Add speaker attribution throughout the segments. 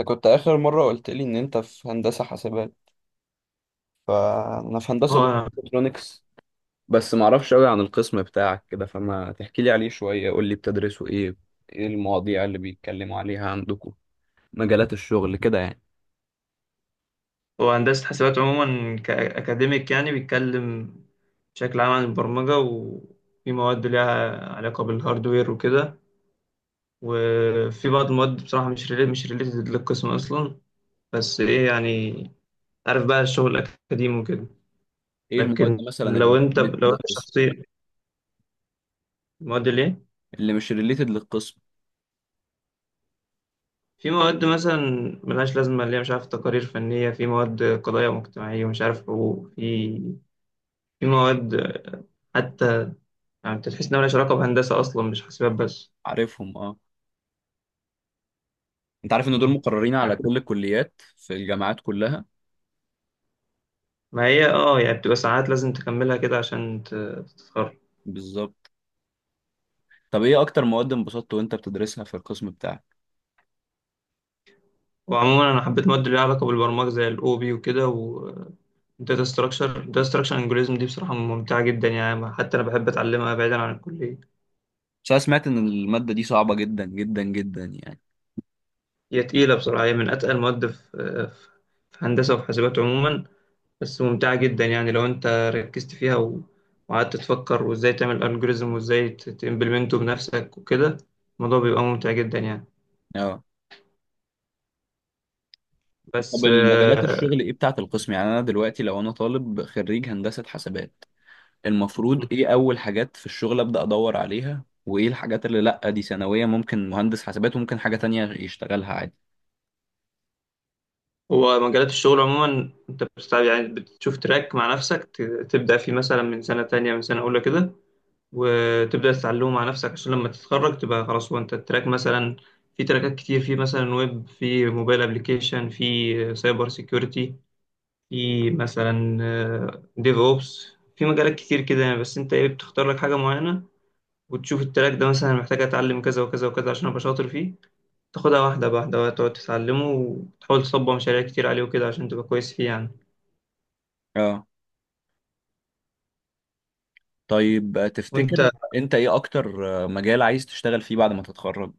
Speaker 1: انت كنت اخر مره قلت لي ان انت في هندسه حاسبات. فانا في هندسه برضه
Speaker 2: هو
Speaker 1: الكترونكس. بس ما اعرفش قوي عن القسم بتاعك كده، فما تحكي لي عليه شويه. قول لي، بتدرسوا ايه؟ ايه المواضيع اللي بيتكلموا عليها عندكم؟ مجالات الشغل كده يعني؟
Speaker 2: هو هندسة حسابات عموما كأكاديميك يعني بيتكلم بشكل عام عن البرمجة، وفي مواد ليها علاقة بالهاردوير وكده. وفي بعض المواد بصراحة مش ريليتد للقسم أصلا، بس إيه يعني، عارف بقى الشغل الأكاديمي وكده.
Speaker 1: ايه المواد
Speaker 2: لكن
Speaker 1: مثلا اللي مش ريليتد
Speaker 2: لو أنت
Speaker 1: للقسم؟
Speaker 2: شخصيا، مواد ليه؟
Speaker 1: اللي مش ريليتد للقسم؟
Speaker 2: في مواد مثلا ملهاش لازمة، اللي هي مش عارف تقارير فنية، في مواد قضايا مجتمعية، ومش عارف حقوق، في مواد، حتى يعني انت تحس انها ملهاش علاقه بهندسه اصلا، مش حاسبات بس.
Speaker 1: عارفهم، اه. انت عارف ان دول
Speaker 2: مم.
Speaker 1: مقررين على
Speaker 2: يعني،
Speaker 1: كل الكليات في الجامعات كلها.
Speaker 2: ما هي يعني بتبقى ساعات لازم تكملها كده عشان تتخرج.
Speaker 1: بالظبط. طب ايه اكتر مواد انبسطت وانت بتدرسها في القسم بتاعك؟
Speaker 2: وعموما انا حبيت مواد اللي ليها علاقه بالبرمجه زي الاو بي وكده، والداتا ستراكشر، الداتا ستراكشر انجوريزم دي بصراحه ممتعه جدا يعني، حتى انا بحب اتعلمها بعيدا عن الكليه.
Speaker 1: بس انا سمعت ان الماده دي صعبه جدا جدا جدا يعني.
Speaker 2: هي تقيله بصراحه، هي من اتقل المواد في هندسه وفي حاسبات عموما. بس ممتعة جدا يعني، لو انت ركزت فيها وقعدت تفكر وازاي تعمل الجوريزم وازاي تمبلمنته بنفسك وكده، الموضوع بيبقى ممتع جدا يعني.
Speaker 1: اه. طب،
Speaker 2: بس
Speaker 1: المجالات الشغل ايه بتاعت القسم؟ يعني انا دلوقتي لو انا طالب خريج هندسة حسابات، المفروض ايه اول حاجات في الشغل ابدأ ادور عليها، وايه الحاجات اللي لا دي ثانوية ممكن مهندس حسابات وممكن حاجة تانية يشتغلها عادي؟
Speaker 2: هو مجالات الشغل عموما انت بتستعب يعني، بتشوف تراك مع نفسك تبدأ فيه مثلا من سنة تانية، من سنة أولى كده، وتبدأ تتعلمه مع نفسك عشان لما تتخرج تبقى خلاص هو انت التراك. مثلا في تراكات كتير، في مثلا ويب، في موبايل ابلكيشن، في سايبر سيكيورتي، في مثلا ديف اوبس. في مجالات كتير كده يعني، بس انت ايه، بتختار لك حاجه معينه وتشوف التراك ده مثلا محتاج اتعلم كذا وكذا وكذا عشان ابقى شاطر فيه. تاخدها واحده واحده وتقعد تتعلمه وتحاول تصبغ مشاريع كتير عليه وكده عشان تبقى كويس فيه يعني.
Speaker 1: اه. طيب،
Speaker 2: وانت
Speaker 1: تفتكر انت ايه اكتر مجال عايز تشتغل فيه بعد ما تتخرج؟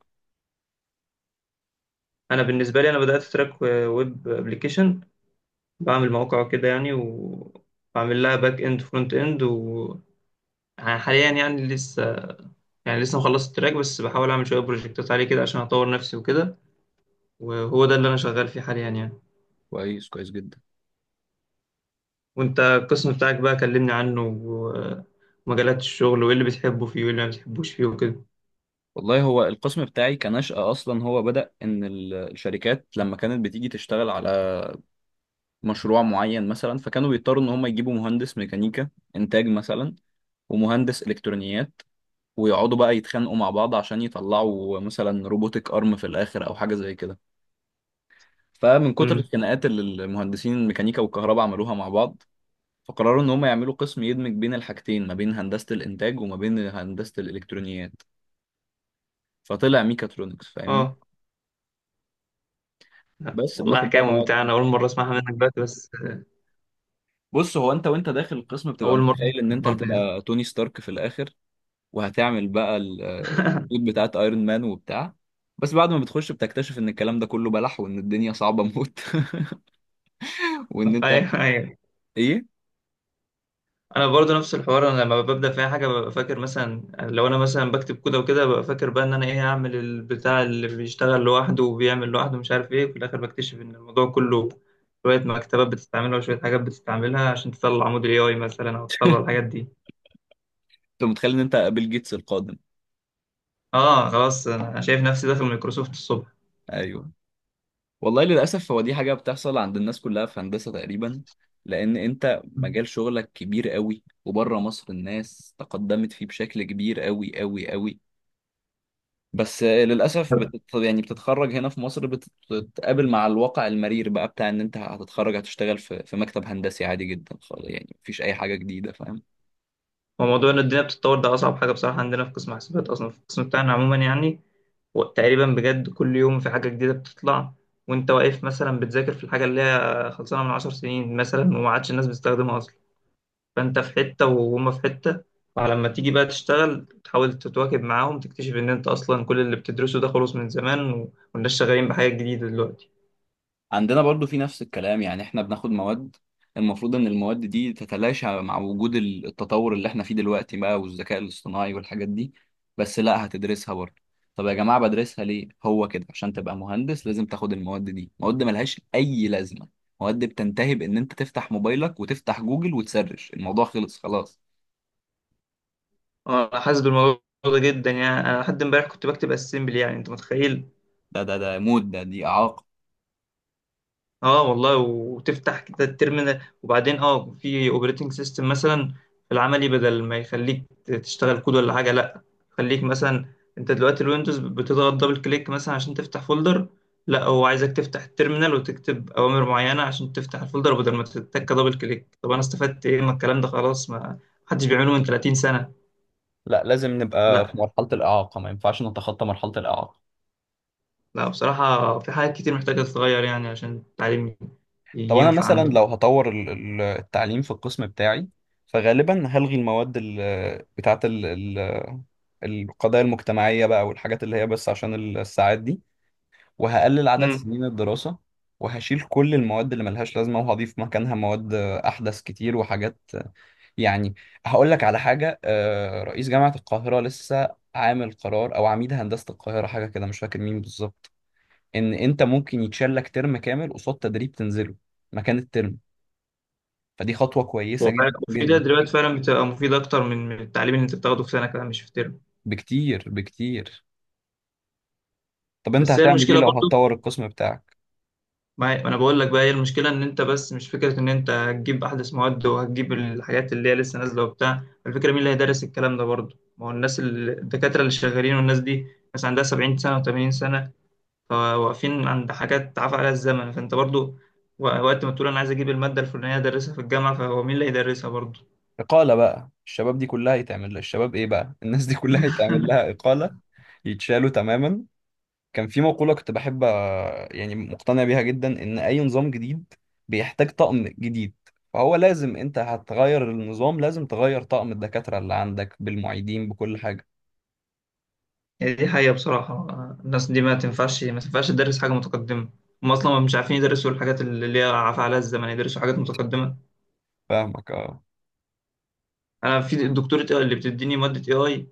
Speaker 2: انا بالنسبه لي، انا بدات في تراك ويب ابلكيشن، بعمل مواقع وكده يعني، وبعمل لها باك اند فرونت اند، و يعني حاليا يعني لسه مخلص التراك، بس بحاول اعمل شويه بروجكتات عليه كده عشان اطور نفسي وكده. وهو ده اللي انا شغال فيه حاليا يعني.
Speaker 1: كويس، كويس جدا.
Speaker 2: وانت القسم بتاعك بقى كلمني عنه ومجالات الشغل، وايه اللي بتحبه فيه، وايه اللي ما بتحبوش فيه وكده.
Speaker 1: والله هو القسم بتاعي كنشأة أصلا هو بدأ إن الشركات لما كانت بتيجي تشتغل على مشروع معين مثلا، فكانوا بيضطروا إن هم يجيبوا مهندس ميكانيكا إنتاج مثلا، ومهندس الكترونيات، ويقعدوا بقى يتخانقوا مع بعض عشان يطلعوا مثلا روبوتك ارم في الاخر او حاجه زي كده. فمن كتر
Speaker 2: امم
Speaker 1: الخناقات اللي المهندسين الميكانيكا والكهرباء عملوها مع بعض، فقرروا ان هم يعملوا قسم يدمج بين الحاجتين ما بين هندسه الانتاج وما بين هندسه الالكترونيات. فطلع ميكاترونكس. فاهمني؟
Speaker 2: اه لا،
Speaker 1: بس
Speaker 2: والله
Speaker 1: بناخد
Speaker 2: حكاية
Speaker 1: بقى
Speaker 2: ممتعة،
Speaker 1: مواد.
Speaker 2: انا اول مرة اسمعها منك دلوقتي. بس
Speaker 1: بص، هو انت وانت داخل القسم بتبقى
Speaker 2: اول مرة اسمع
Speaker 1: متخيل ان انت
Speaker 2: الحوار ده يعني.
Speaker 1: هتبقى توني ستارك في الاخر، وهتعمل بقى السوت بتاعت ايرون مان وبتاع. بس بعد ما بتخش بتكتشف ان الكلام ده كله بلح، وان الدنيا صعبة موت. وان انت
Speaker 2: ايوه، ايوه،
Speaker 1: ايه.
Speaker 2: انا برضه نفس الحوار. انا لما ببدا في اي حاجه ببقى فاكر مثلا، لو انا مثلا بكتب كود وكده، ببقى فاكر بقى ان انا ايه، هعمل البتاع اللي بيشتغل لوحده وبيعمل لوحده مش عارف ايه. وفي الاخر بكتشف ان الموضوع كله شويه مكتبات بتستعملها وشويه حاجات بتستعملها عشان تطلع موديل اي اي مثلا، او تطلع الحاجات دي.
Speaker 1: انت متخيل ان انت بيل جيتس القادم.
Speaker 2: اه، خلاص انا شايف نفسي داخل مايكروسوفت الصبح.
Speaker 1: ايوه. والله، للاسف هو دي حاجة بتحصل عند الناس كلها في هندسة تقريبا. لان انت مجال شغلك كبير قوي، وبره مصر الناس تقدمت فيه بشكل كبير قوي قوي قوي. بس للأسف يعني بتتخرج هنا في مصر بتتقابل مع الواقع المرير بقى بتاع إن أنت هتتخرج هتشتغل في مكتب هندسي عادي جدا خالص، يعني مفيش أي حاجة جديدة، فاهم؟
Speaker 2: وموضوع ان الدنيا بتتطور ده اصعب حاجه بصراحه عندنا في قسم حاسبات، اصلا في القسم بتاعنا عموما يعني. وتقريبا بجد كل يوم في حاجه جديده بتطلع، وانت واقف مثلا بتذاكر في الحاجه اللي هي خلصانه من 10 سنين مثلا، وما عادش الناس بتستخدمها اصلا. فانت في حته وهما في حته. فلما تيجي بقى تشتغل تحاول تتواكب معاهم، تكتشف ان انت اصلا كل اللي بتدرسه ده خلص من زمان والناس شغالين بحاجه جديده دلوقتي.
Speaker 1: عندنا برضو في نفس الكلام، يعني احنا بناخد مواد. المفروض ان المواد دي تتلاشى مع وجود التطور اللي احنا فيه دلوقتي بقى، والذكاء الاصطناعي والحاجات دي. بس لا، هتدرسها برضو. طب يا جماعة بدرسها ليه؟ هو كده عشان تبقى مهندس لازم تاخد المواد دي. مواد ملهاش اي لازمة. مواد بتنتهي بان انت تفتح موبايلك وتفتح جوجل وتسرش الموضوع. خلص خلاص.
Speaker 2: اه، انا حاسس بالموضوع ده جدا يعني. انا لحد امبارح كنت بكتب اسمبلي، يعني انت متخيل؟
Speaker 1: ده موت، ده دي اعاقة.
Speaker 2: اه والله. وتفتح كده الترمينال، وبعدين في اوبريتنج سيستم مثلا، في العملي بدل ما يخليك تشتغل كود ولا حاجه، لا خليك مثلا. انت دلوقتي الويندوز بتضغط دبل كليك مثلا عشان تفتح فولدر، لا هو عايزك تفتح الترمينال وتكتب اوامر معينه عشان تفتح الفولدر بدل ما تتك دبل كليك. طب انا استفدت ايه من الكلام ده؟ خلاص، ما حدش بيعمله من 30 سنه.
Speaker 1: لا، لازم نبقى
Speaker 2: لا،
Speaker 1: في مرحلة الإعاقة، ما ينفعش نتخطى مرحلة الإعاقة.
Speaker 2: لا، بصراحة في حاجات كتير محتاجة تتغير يعني عشان التعليم
Speaker 1: طب انا
Speaker 2: ينفع
Speaker 1: مثلا
Speaker 2: عندنا.
Speaker 1: لو هطور التعليم في القسم بتاعي، فغالبا هلغي المواد بتاعت القضايا المجتمعية بقى والحاجات اللي هي بس عشان الساعات دي. وهقلل عدد
Speaker 2: امم
Speaker 1: سنين الدراسة. وهشيل كل المواد اللي ملهاش لازمة وهضيف مكانها مواد أحدث كتير وحاجات يعني. هقول لك على حاجة، رئيس جامعة القاهرة لسه عامل قرار أو عميد هندسة القاهرة حاجة كده، مش فاكر مين بالظبط. إن أنت ممكن يتشال لك ترم كامل قصاد تدريب تنزله مكان الترم. فدي خطوة كويسة
Speaker 2: وفعلا،
Speaker 1: جدا
Speaker 2: ده
Speaker 1: جدا.
Speaker 2: دلوقتي فعلا بتبقى مفيدة أكتر من التعليم اللي أنت بتاخده في سنة كده، مش في ترم.
Speaker 1: بكتير بكتير. طب انت
Speaker 2: بس هي
Speaker 1: هتعمل ايه
Speaker 2: المشكلة
Speaker 1: لو
Speaker 2: برضو،
Speaker 1: هتطور القسم بتاعك؟
Speaker 2: ما أنا بقول لك بقى، هي المشكلة إن أنت، بس مش فكرة إن أنت هتجيب أحدث مواد وهتجيب الحاجات اللي هي لسه نازلة وبتاع. الفكرة مين اللي هيدرس الكلام ده برضو؟ ما هو الناس، الدكاترة اللي شغالين والناس دي، ناس عندها 70 سنة و80 سنة، فواقفين عند حاجات عفى عليها الزمن. فانت برضو وقت ما تقول انا عايز اجيب الماده الفلانيه ادرسها في الجامعه، فهو مين اللي هيدرسها برضو؟
Speaker 1: إقالة بقى الشباب دي كلها يتعمل لها، الشباب ايه بقى الناس دي كلها يتعمل لها إقالة. يتشالوا تماما. كان في مقولة كنت بحب، يعني مقتنع بيها جدا ان اي نظام جديد بيحتاج طقم جديد. فهو لازم، انت هتغير النظام لازم تغير طقم الدكاترة اللي عندك بالمعيدين بكل حاجة.
Speaker 2: يعني دي حقيقه بصراحه. الناس دي ما تنفعش تدرس حاجه متقدمه. هم اصلا مش عارفين يدرسوا الحاجات اللي هي عفى عليها الزمن، يدرسوا حاجات متقدمه.
Speaker 1: فاهمك، اه.
Speaker 2: انا في الدكتوره اللي بتديني ماده اي اي،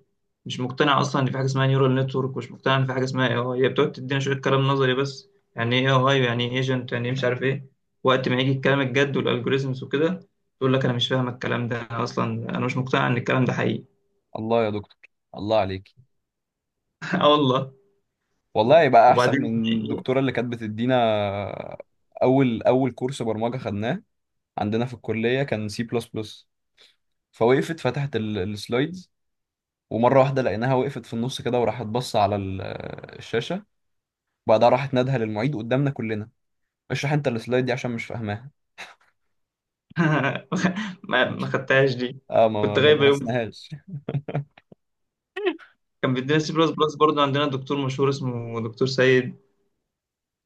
Speaker 2: مش مقتنع اصلا ان في حاجه اسمها نيورال نتورك، ومش مقتنع ان في حاجه اسمها اي اي. هي بتقعد تدينا شويه كلام نظري بس. يعني ايه اي اي؟ يعني ايه ايجنت؟ يعني ايه مش عارف ايه؟ وقت ما يجي الكلام الجد والالجوريزمز وكده، تقول لك انا مش فاهم الكلام ده. أنا اصلا مش مقتنع ان الكلام ده حقيقي.
Speaker 1: الله يا دكتور. الله عليك.
Speaker 2: اه والله.
Speaker 1: والله يبقى احسن
Speaker 2: وبعدين
Speaker 1: من
Speaker 2: إيه؟
Speaker 1: الدكتوره اللي كانت بتدينا. اول كورس برمجه خدناه عندنا في الكليه كان سي بلس بلس. فوقفت فتحت السلايدز. ومره واحده لقيناها وقفت في النص كده، وراحت بص على الشاشه. وبعدها راحت نادها للمعيد قدامنا كلنا. اشرح انت السلايد دي عشان مش فاهماها.
Speaker 2: ما خدتهاش دي،
Speaker 1: اه، ما
Speaker 2: كنت
Speaker 1: ما
Speaker 2: غايبه يوم.
Speaker 1: درسناهاش.
Speaker 2: كان بيدينا سي بلس بلس برضه، عندنا دكتور مشهور اسمه دكتور سيد.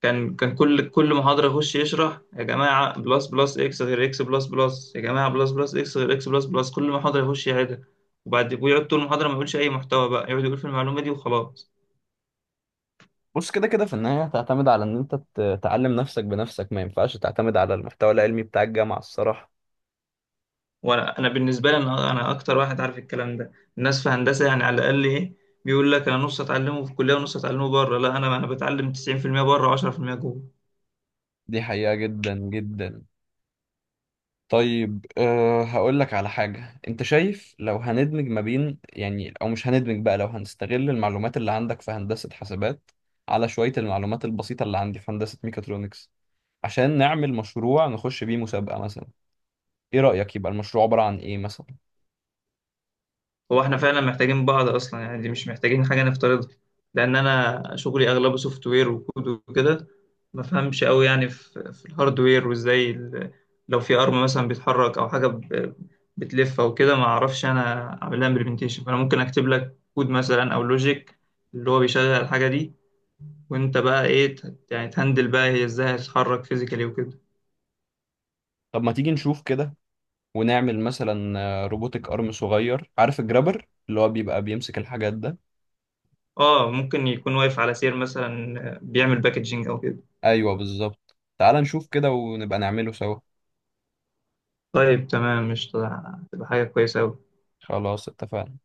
Speaker 2: كان كان كل محاضرة يخش يشرح: يا جماعة بلس بلس اكس غير اكس بلس بلس، يا جماعة بلس بلس اكس غير اكس بلس بلس. كل محاضرة يخش يعيدها، وبعد ويقعد طول المحاضرة ما يقولش أي محتوى بقى، يقعد يقول في المعلومة دي وخلاص.
Speaker 1: بص، كده كده في النهايه هتعتمد على ان انت تعلم نفسك بنفسك. ما ينفعش تعتمد على المحتوى العلمي بتاع الجامعه الصراحه.
Speaker 2: وأنا بالنسبة لي، أنا أكتر واحد عارف الكلام ده. الناس في هندسة يعني على الأقل إيه، بيقول لك أنا نص أتعلمه في الكلية ونص أتعلمه بره. لا، أنا بتعلم 90% بره و10% جوه.
Speaker 1: دي حقيقه جدا جدا. طيب، هقول لك على حاجة. انت شايف لو هندمج ما بين يعني او مش هندمج بقى لو هنستغل المعلومات اللي عندك في هندسة حاسبات، على شوية المعلومات البسيطة اللي عندي في هندسة ميكاترونكس، عشان نعمل مشروع نخش بيه مسابقة مثلا. ايه رأيك؟ يبقى المشروع عبارة عن ايه مثلا؟
Speaker 2: هو احنا فعلا محتاجين بعض اصلا يعني، دي مش محتاجين حاجه نفترضها. لان انا شغلي اغلبه سوفت وير وكود وكده، ما فهمش قوي يعني في الهاردوير، وازاي لو في ارم مثلا بيتحرك او حاجه بتلف او كده، ما اعرفش انا اعمل لها امبلمنتيشن. فانا ممكن اكتب لك كود مثلا او لوجيك اللي هو بيشغل الحاجه دي، وانت بقى ايه، يعني تهندل بقى هي ازاي هتتحرك فيزيكالي وكده.
Speaker 1: طب ما تيجي نشوف كده. ونعمل مثلا روبوتك ارم صغير. عارف الجرابر اللي هو بيبقى بيمسك الحاجات ده؟
Speaker 2: اه، ممكن يكون واقف على سير مثلا بيعمل باكجينج او كده.
Speaker 1: ايوه بالظبط، تعال نشوف كده ونبقى نعمله سوا.
Speaker 2: طيب، تمام، مش تبقى حاجه كويسه قوي؟
Speaker 1: خلاص، اتفقنا.